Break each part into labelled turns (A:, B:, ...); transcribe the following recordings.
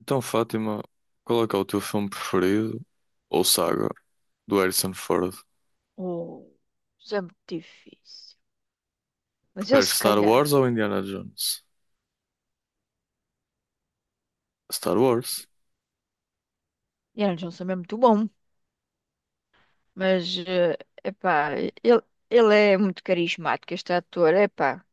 A: Então, Fátima, qual é que é o teu filme preferido ou saga do Harrison Ford?
B: Oh, isso é muito difícil. Mas ele,
A: Preferes
B: se
A: Star
B: calhar,
A: Wars ou Indiana Jones? Star Wars.
B: Indiana Jones também é muito bom. Mas, epá, ele, ele é muito carismático, este ator, epá.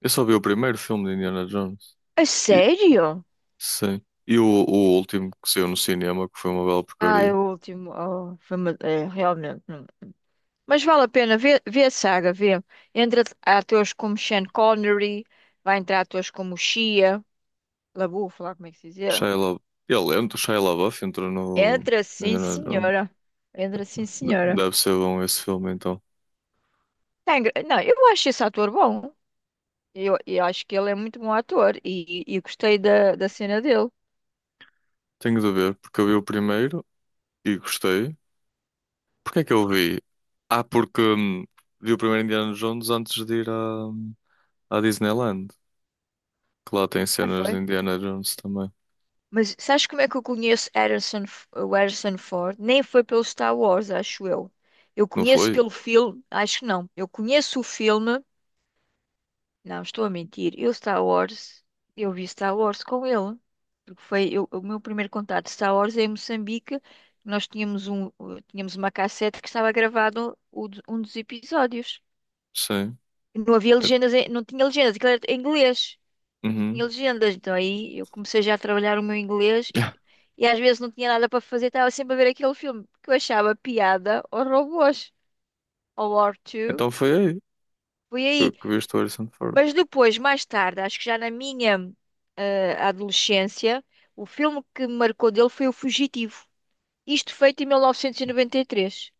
A: Eu só vi o primeiro filme de Indiana Jones.
B: A
A: E,
B: sério?
A: sim. E o último que saiu no cinema, que foi uma bela
B: Ah, é
A: porcaria.
B: o último. Oh, é, realmente. Não. Mas vale a pena ver, ver a saga, ver. Entra atores como Sean Connery, vai entrar atores como Shia LaBeouf, lá como é que se diz ele.
A: Shia La... Ele entra, o Shia LaBeouf entrou no
B: Entra
A: no
B: sim,
A: Indiana Jones.
B: senhora. Entra sim, senhora.
A: Deve ser bom esse filme, então.
B: Não, eu acho esse ator bom. Eu acho que ele é muito bom ator e gostei da cena dele.
A: Tenho de ver, porque eu vi o primeiro e gostei. Porquê é que eu vi? Ah, porque vi o primeiro Indiana Jones antes de ir a à Disneyland, que lá tem
B: Ah,
A: cenas de
B: foi.
A: Indiana Jones também.
B: Mas sabes como é que eu conheço o Harrison Ford? Nem foi pelo Star Wars, acho eu. Eu
A: Não
B: conheço
A: foi?
B: pelo filme, acho que não. Eu conheço o filme. Não, estou a mentir. Eu vi Star Wars com ele. Porque o meu primeiro contato de Star Wars é em Moçambique. Nós tínhamos um, Tínhamos uma cassete que estava gravado um dos episódios.
A: Sim.
B: Não havia
A: É-
B: legendas, não tinha legendas, aquilo era em inglês. Não tinha
A: Uhum.
B: legendas. Então aí eu comecei já a trabalhar o meu inglês e,
A: Yeah.
B: e às vezes não tinha nada para fazer, estava sempre a ver aquele filme que eu achava piada aos robôs, ao War 2.
A: Então foi aí
B: Foi
A: que,
B: aí.
A: viste o Harrison Ford.
B: Mas depois, mais tarde, acho que já na minha adolescência, o filme que me marcou dele foi O Fugitivo. Isto feito em 1993.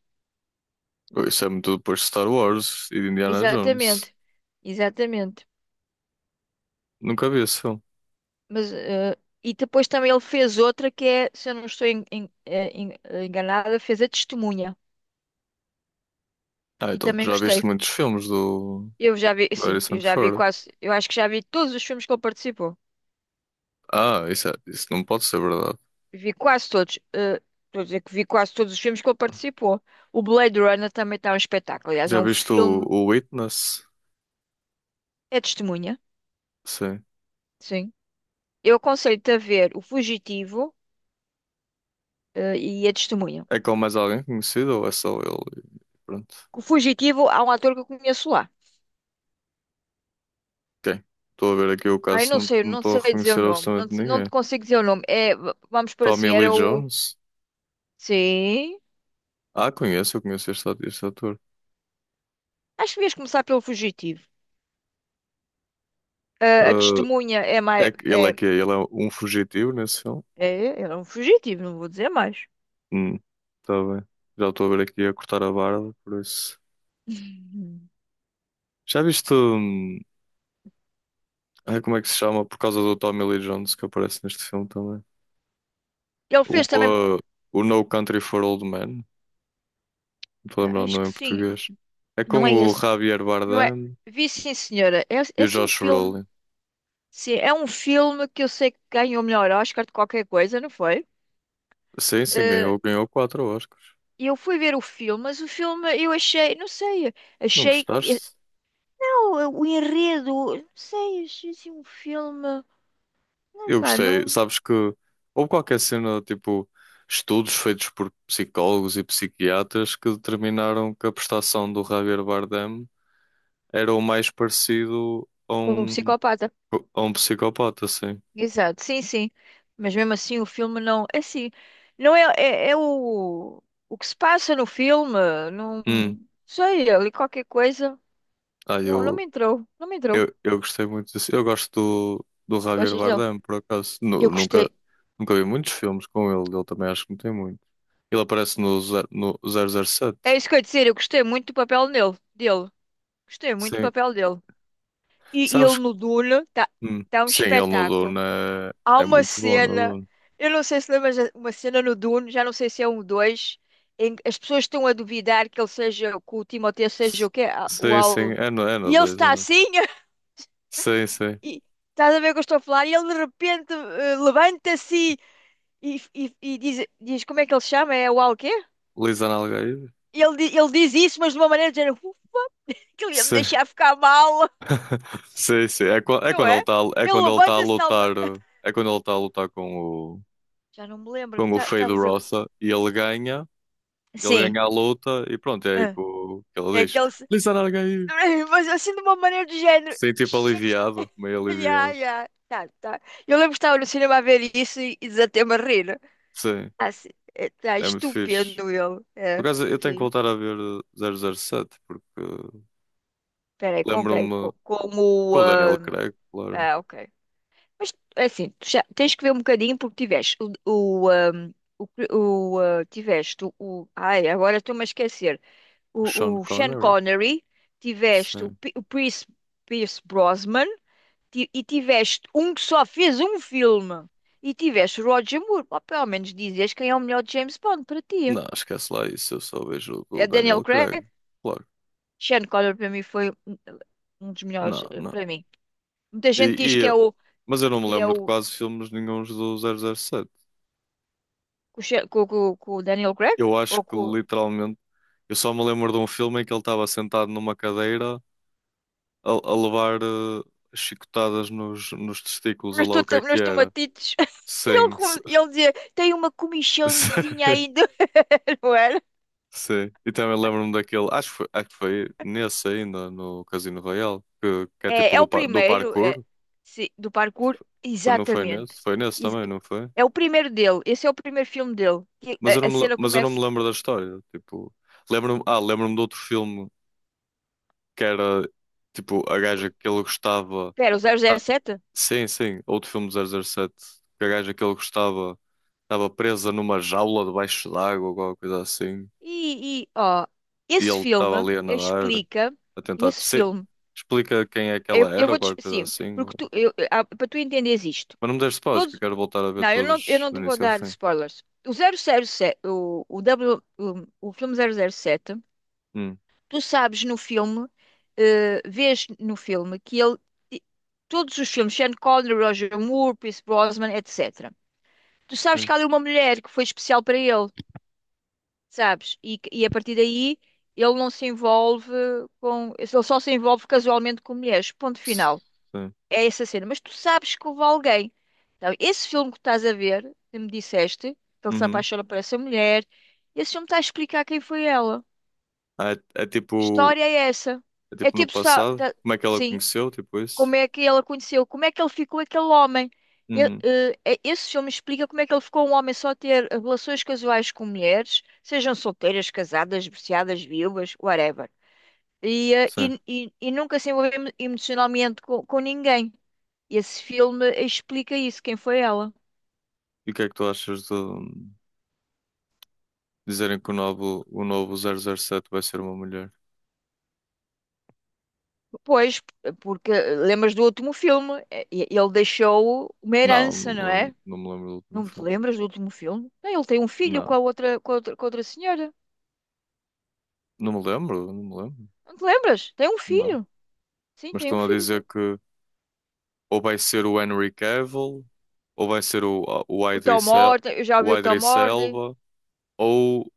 A: Oh, isso é muito depois de Star Wars e de Indiana Jones.
B: Exatamente. Exatamente.
A: Nunca vi esse filme.
B: Mas, e depois também ele fez outra que é, se eu não estou enganada, fez A Testemunha.
A: Ah,
B: E
A: então tu
B: também
A: já viste
B: gostei.
A: muitos filmes do,
B: Eu já vi,
A: do
B: sim,
A: Harrison Ford.
B: eu acho que já vi todos os filmes que ele participou.
A: Ah, isso, isso não pode ser verdade.
B: Vi quase todos. Estou a dizer que vi quase todos os filmes que ele participou. O Blade Runner também está um espetáculo. Aliás, é
A: Já
B: um
A: viste
B: filme,
A: o Witness?
B: é testemunha,
A: Sim.
B: sim. Eu aconselho-te a ver O Fugitivo, e a Testemunha.
A: É com mais alguém conhecido ou é só ele? Pronto.
B: O Fugitivo, há um ator que eu conheço lá.
A: Ok. Estou a ver aqui o
B: Ai,
A: caso,
B: não sei,
A: não
B: não
A: estou a
B: sei dizer o
A: reconhecer
B: nome. Não,
A: absolutamente
B: não
A: ninguém.
B: te consigo dizer o nome. É, vamos por
A: Tommy
B: assim,
A: Lee
B: era o.
A: Jones?
B: Sim.
A: Ah, conheço, eu conheço este, este ator.
B: Acho que devias começar pelo Fugitivo. Eh, a
A: Ah,
B: Testemunha é
A: é,
B: mais.
A: ele é um fugitivo nesse filme?
B: É, ele é um fugitivo, não vou dizer mais.
A: Hum, tá bem. Já estou a ver aqui a cortar a barba, por isso.
B: Uhum.
A: Já viste, ai, como é que se chama? Por causa do Tommy Lee Jones que aparece neste filme também.
B: Ele
A: O,
B: fez também.
A: ah, o No Country for Old Men. Não estou a lembrar o
B: Acho que
A: nome em
B: sim.
A: português. É
B: Não é
A: com o
B: esse.
A: Javier
B: Não é?
A: Bardem
B: Vi sim, senhora. É,
A: e
B: é
A: o
B: sim um
A: Josh
B: filme.
A: Brolin.
B: Sim, é um filme que eu sei que ganhou o melhor Oscar de qualquer coisa, não foi?
A: Sim, sim,
B: Eh,
A: ganhou, ganhou quatro Oscars.
B: eu fui ver o filme, mas o filme eu achei, não sei,
A: Não
B: achei que.
A: gostaste?
B: Não, o enredo, não sei, achei assim um filme.
A: Eu
B: Epá,
A: gostei,
B: não.
A: sabes que houve qualquer cena, tipo, estudos feitos por psicólogos e psiquiatras que determinaram que a prestação do Javier Bardem era o mais parecido
B: Como um psicopata.
A: a um psicopata, assim.
B: Exato, sim, sim. Mas mesmo assim o filme não. É assim, não é, é o que se passa no filme.
A: Hum.
B: Não sei, ali qualquer coisa.
A: Ah,
B: Não, não me
A: eu,
B: entrou. Não me entrou.
A: eu, eu gostei muito disso. Eu gosto do, do Javier
B: Gostas dele?
A: Bardem, por acaso.
B: Eu gostei.
A: Nunca vi muitos filmes com ele, ele também acho que não tem muito. Ele aparece no, no zero zero
B: É
A: sete
B: isso que eu ia dizer, eu gostei muito do papel nele, dele. Gostei muito do
A: Sim.
B: papel dele. E ele
A: Sabes.
B: no Dune está tá
A: Hum.
B: tá um
A: Sim, ele no
B: espetáculo.
A: Duna
B: Há
A: é, é
B: uma
A: muito bom no
B: cena,
A: Duna.
B: eu não sei se lembras, uma cena no Dune, já não sei se é um dois, em que as pessoas estão a duvidar que ele seja, que o Timothée seja
A: S-
B: o quê? Ah, o
A: Sim, sim,
B: Al.
A: é no
B: E ele
A: 2 é
B: está
A: no...
B: assim,
A: Sim, sim.
B: e estás a ver o que eu estou a falar, e ele de repente levanta-se e diz, como é que ele se chama? É o Al quê?
A: Lisa Nalgaide?
B: E ele, ele diz isso, mas de uma maneira de género, "Uf, que ele ia me
A: Sim.
B: deixar ficar mal,"
A: Sim, sim. É, é
B: não
A: quando ele
B: é?
A: está é
B: Ele
A: quando ele tá a
B: levanta-se de tal.
A: lutar, é quando ele está a lutar
B: Já não me lembro,
A: com o
B: está tá tá a
A: Fade
B: fazer o quê?
A: Roça e ele
B: Sim.
A: ganha a luta e pronto, é aí que,
B: Ah,
A: que
B: é
A: ele diz.
B: aquele.
A: Lisa Nalgaide.
B: Ai, mas assim, de uma maneira do género.
A: Sim, tipo
B: "Ixi, é que
A: aliviado, meio
B: isto- Já,
A: aliviado.
B: já. Tá, tá." Eu lembro que estava no cinema a ver isso e desatei-me a rir.
A: Sim,
B: Assim, está
A: é muito fixe.
B: estupendo ele.
A: Por
B: É.
A: acaso eu tenho que
B: Sim.
A: voltar a ver 007, porque
B: Peraí, com quem?
A: lembro-me. Com o Daniel Craig, claro.
B: Ah, ok. Mas é assim, tu já tens que ver um bocadinho porque tiveste Ai, agora estou-me a esquecer.
A: O Sean
B: O Sean
A: Connery?
B: Connery, tiveste
A: Sim.
B: O Pierce, Pierce Brosnan, e tiveste um que só fez um filme e tiveste Roger Moore, pá, pelo menos dizias quem é o melhor James Bond para ti.
A: Não, esquece lá isso. Eu só vejo o do
B: É Daniel
A: Daniel Craig.
B: Craig?
A: Claro.
B: Sean Connery para mim foi um dos
A: Não,
B: melhores,
A: não.
B: para mim. Muita gente
A: E,
B: diz que é
A: e-
B: o
A: mas eu não me
B: que é
A: lembro de
B: o
A: quase filmes nenhuns do 007.
B: com o que o Daniel Craig
A: Eu acho
B: ou
A: que
B: com
A: literalmente eu só me lembro de um filme em que ele estava sentado numa cadeira a levar chicotadas nos, nos testículos, ou lá o que é que
B: nos
A: era.
B: tomatitos. E ele,
A: Sim.
B: ele dizia, tem uma
A: Sim.
B: comichãozinha ainda, não era?
A: Sim. E também lembro-me daquele, acho que foi nesse ainda, no Casino Royale, que é
B: É,
A: tipo
B: é
A: do,
B: o
A: do
B: primeiro é,
A: parkour.
B: sim, do parkour,
A: Não foi nesse?
B: exatamente.
A: Foi nesse
B: Ex-
A: também, não foi?
B: É o primeiro dele. Esse é o primeiro filme dele. Que A, a cena
A: Mas eu não me
B: começa.
A: lembro da história. Tipo, lembro-me, ah, lembro-me de outro filme que era tipo a gaja
B: o-
A: que ele gostava.
B: Pera, o
A: Ah,
B: 007?
A: sim, sim, outro filme do 007. Que a gaja que ele gostava estava presa numa jaula debaixo d'água ou alguma coisa assim.
B: E ó,
A: E
B: esse
A: ele estava
B: filme
A: ali a nadar,
B: explica.
A: a tentar.
B: Esse
A: Sim,
B: filme.
A: explica quem é que ela
B: Eu
A: era ou
B: vou te.
A: qualquer coisa
B: Sim,
A: assim.
B: porque para tu entenderes isto.
A: Mas não me deste pausas, que eu
B: Todos,
A: quero voltar a ver
B: não, eu
A: todos
B: não
A: do
B: te vou
A: início ao
B: dar
A: fim.
B: spoilers. O 007, o filme 007.
A: Hum.
B: Tu sabes no filme, vês no filme que ele, todos os filmes, Sean Connery, Roger Moore, Pierce Brosnan, etc. Tu sabes que
A: Sim.
B: há ali uma mulher que foi especial para ele, sabes? E, e a partir daí ele não se envolve com. Ele só se envolve casualmente com mulheres. Ponto final.
A: Sim.
B: É essa cena. Mas tu sabes que houve alguém. Então, esse filme que estás a ver, que me disseste, que ele se
A: Uhum.
B: apaixona por essa mulher, esse filme está a explicar quem foi ela.
A: Ah, é, é tipo.
B: História é essa.
A: É
B: É
A: tipo no
B: tipo, está,
A: passado.
B: tá-
A: Como é que ela
B: sim,
A: conheceu? Tipo isso?
B: como é que ela conheceu, como é que ele ficou aquele homem. Ele,
A: Uhum.
B: esse filme explica como é que ele ficou um homem só a ter relações casuais com mulheres, sejam solteiras, casadas, divorciadas, viúvas, whatever. E, eh,
A: Sim.
B: e, e, e nunca se envolveu emocionalmente com ninguém. Esse filme explica isso, quem foi ela.
A: E o que é que tu achas de dizerem que o novo 007 vai ser uma mulher?
B: Pois, porque lembras do último filme, ele deixou uma
A: Não, não
B: herança,
A: me
B: não
A: lembro,
B: é?
A: não me lembro do último
B: Não te
A: filme.
B: lembras do último filme? Não, ele tem um filho
A: Não.
B: com a outra, com a outra, com a outra senhora.
A: Não me lembro, não me lembro.
B: Não te lembras? Tem um
A: Não.
B: filho. Sim,
A: Mas
B: tem um
A: estão a
B: filho.
A: dizer que ou vai ser o Henry Cavill, ou vai ser o, o
B: O Tom
A: Idris El-
B: Hardy, eu já vi
A: o
B: o Tom
A: Idris
B: Hardy.
A: Elba. Ou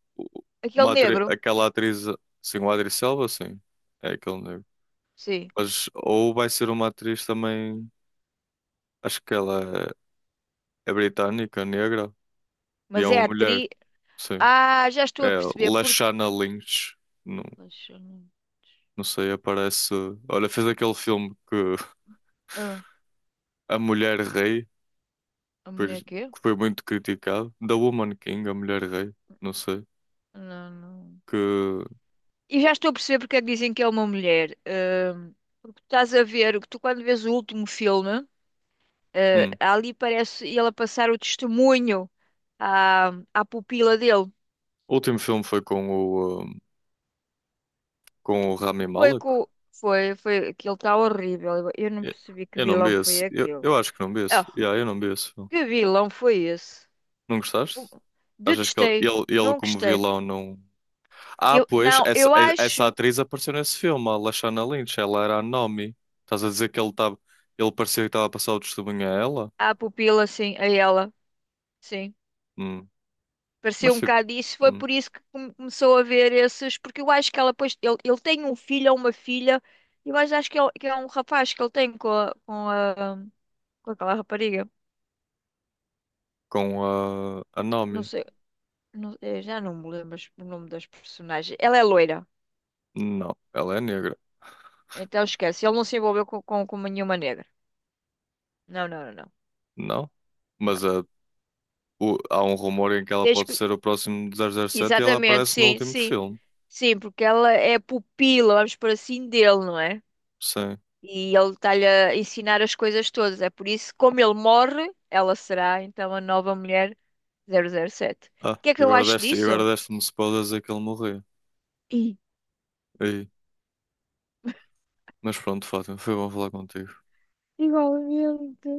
B: Aquele negro.
A: aquela atriz, sim, o Adri Selva, sim, é aquele negro.
B: Sim.
A: Mas, ou vai ser uma atriz também, acho que ela é, é britânica, negra, e é
B: Mas é
A: uma mulher,
B: atriz.
A: sim.
B: Ah, já estou a
A: É
B: perceber porque.
A: Lashana Lynch, não,
B: Deixa eu não-
A: não sei, aparece. Olha, fez aquele filme que
B: Ah,
A: A Mulher Rei,
B: a mulher
A: pois,
B: quê?
A: que foi muito criticado, The Woman King, A Mulher Rei, não sei,
B: Não, não.
A: que.
B: E já estou a perceber porque é que dizem que é uma mulher. Porque estás a ver, que tu quando vês o último filme, ah,
A: Hum,
B: ali parece ele a passar o testemunho à, à pupila dele.
A: o último filme foi com o Rami
B: Foi
A: Malek.
B: com. Foi, foi. Aquilo está horrível. Eu não
A: Eu
B: percebi que
A: eu não
B: vilão
A: mereço.
B: foi
A: Eu,
B: aquele.
A: eu acho que não mereço.
B: Oh,
A: Yeah, eu não mereço.
B: que vilão foi esse?
A: Não gostaste?
B: Um-
A: Achas que ele,
B: Detestei.
A: ele, ele
B: Não
A: como
B: gostei.
A: vilão não. Ah,
B: Eu,
A: pois,
B: não,
A: essa,
B: Eu
A: essa
B: acho
A: atriz apareceu nesse filme, a Lashana Lynch. Ela era a Naomi. Estás a dizer que ele estava. Ele parecia que estava a passar o testemunho a ela?
B: a pupila, sim, a ela, sim.
A: Hum.
B: Pareceu um
A: Mas tipo,
B: bocado isso. Foi
A: hum.
B: por isso que começou a ver esses. Porque eu acho que ela, pois, ele tem um filho ou uma filha. Eu acho que é um rapaz que ele tem com a, com a, com aquela rapariga.
A: Com a
B: Não
A: Naomi.
B: sei, eu já não me lembro o nome das personagens. Ela é loira.
A: Não, ela é negra.
B: Então esquece, ele não se envolveu com nenhuma negra. Não, não, não, não.
A: Não.
B: Não.
A: Mas a, há um rumor em que ela
B: Tens
A: pode
B: que...
A: ser o próximo 007 e ela
B: Exatamente,
A: aparece no
B: sim,
A: último
B: sim.
A: filme.
B: Sim, porque ela é pupila, vamos por assim, dele, não é?
A: Sim.
B: E ele está-lhe a ensinar as coisas todas. É por isso, que, como ele morre, ela será então a nova mulher 007. O
A: Ah,
B: que é
A: e
B: que eu
A: agora
B: acho
A: deste, e agora
B: disso?
A: deste-me spoilers a que ele morreu.
B: Ih,
A: Aí. Mas pronto, Fátima, foi bom falar contigo.
B: igualmente.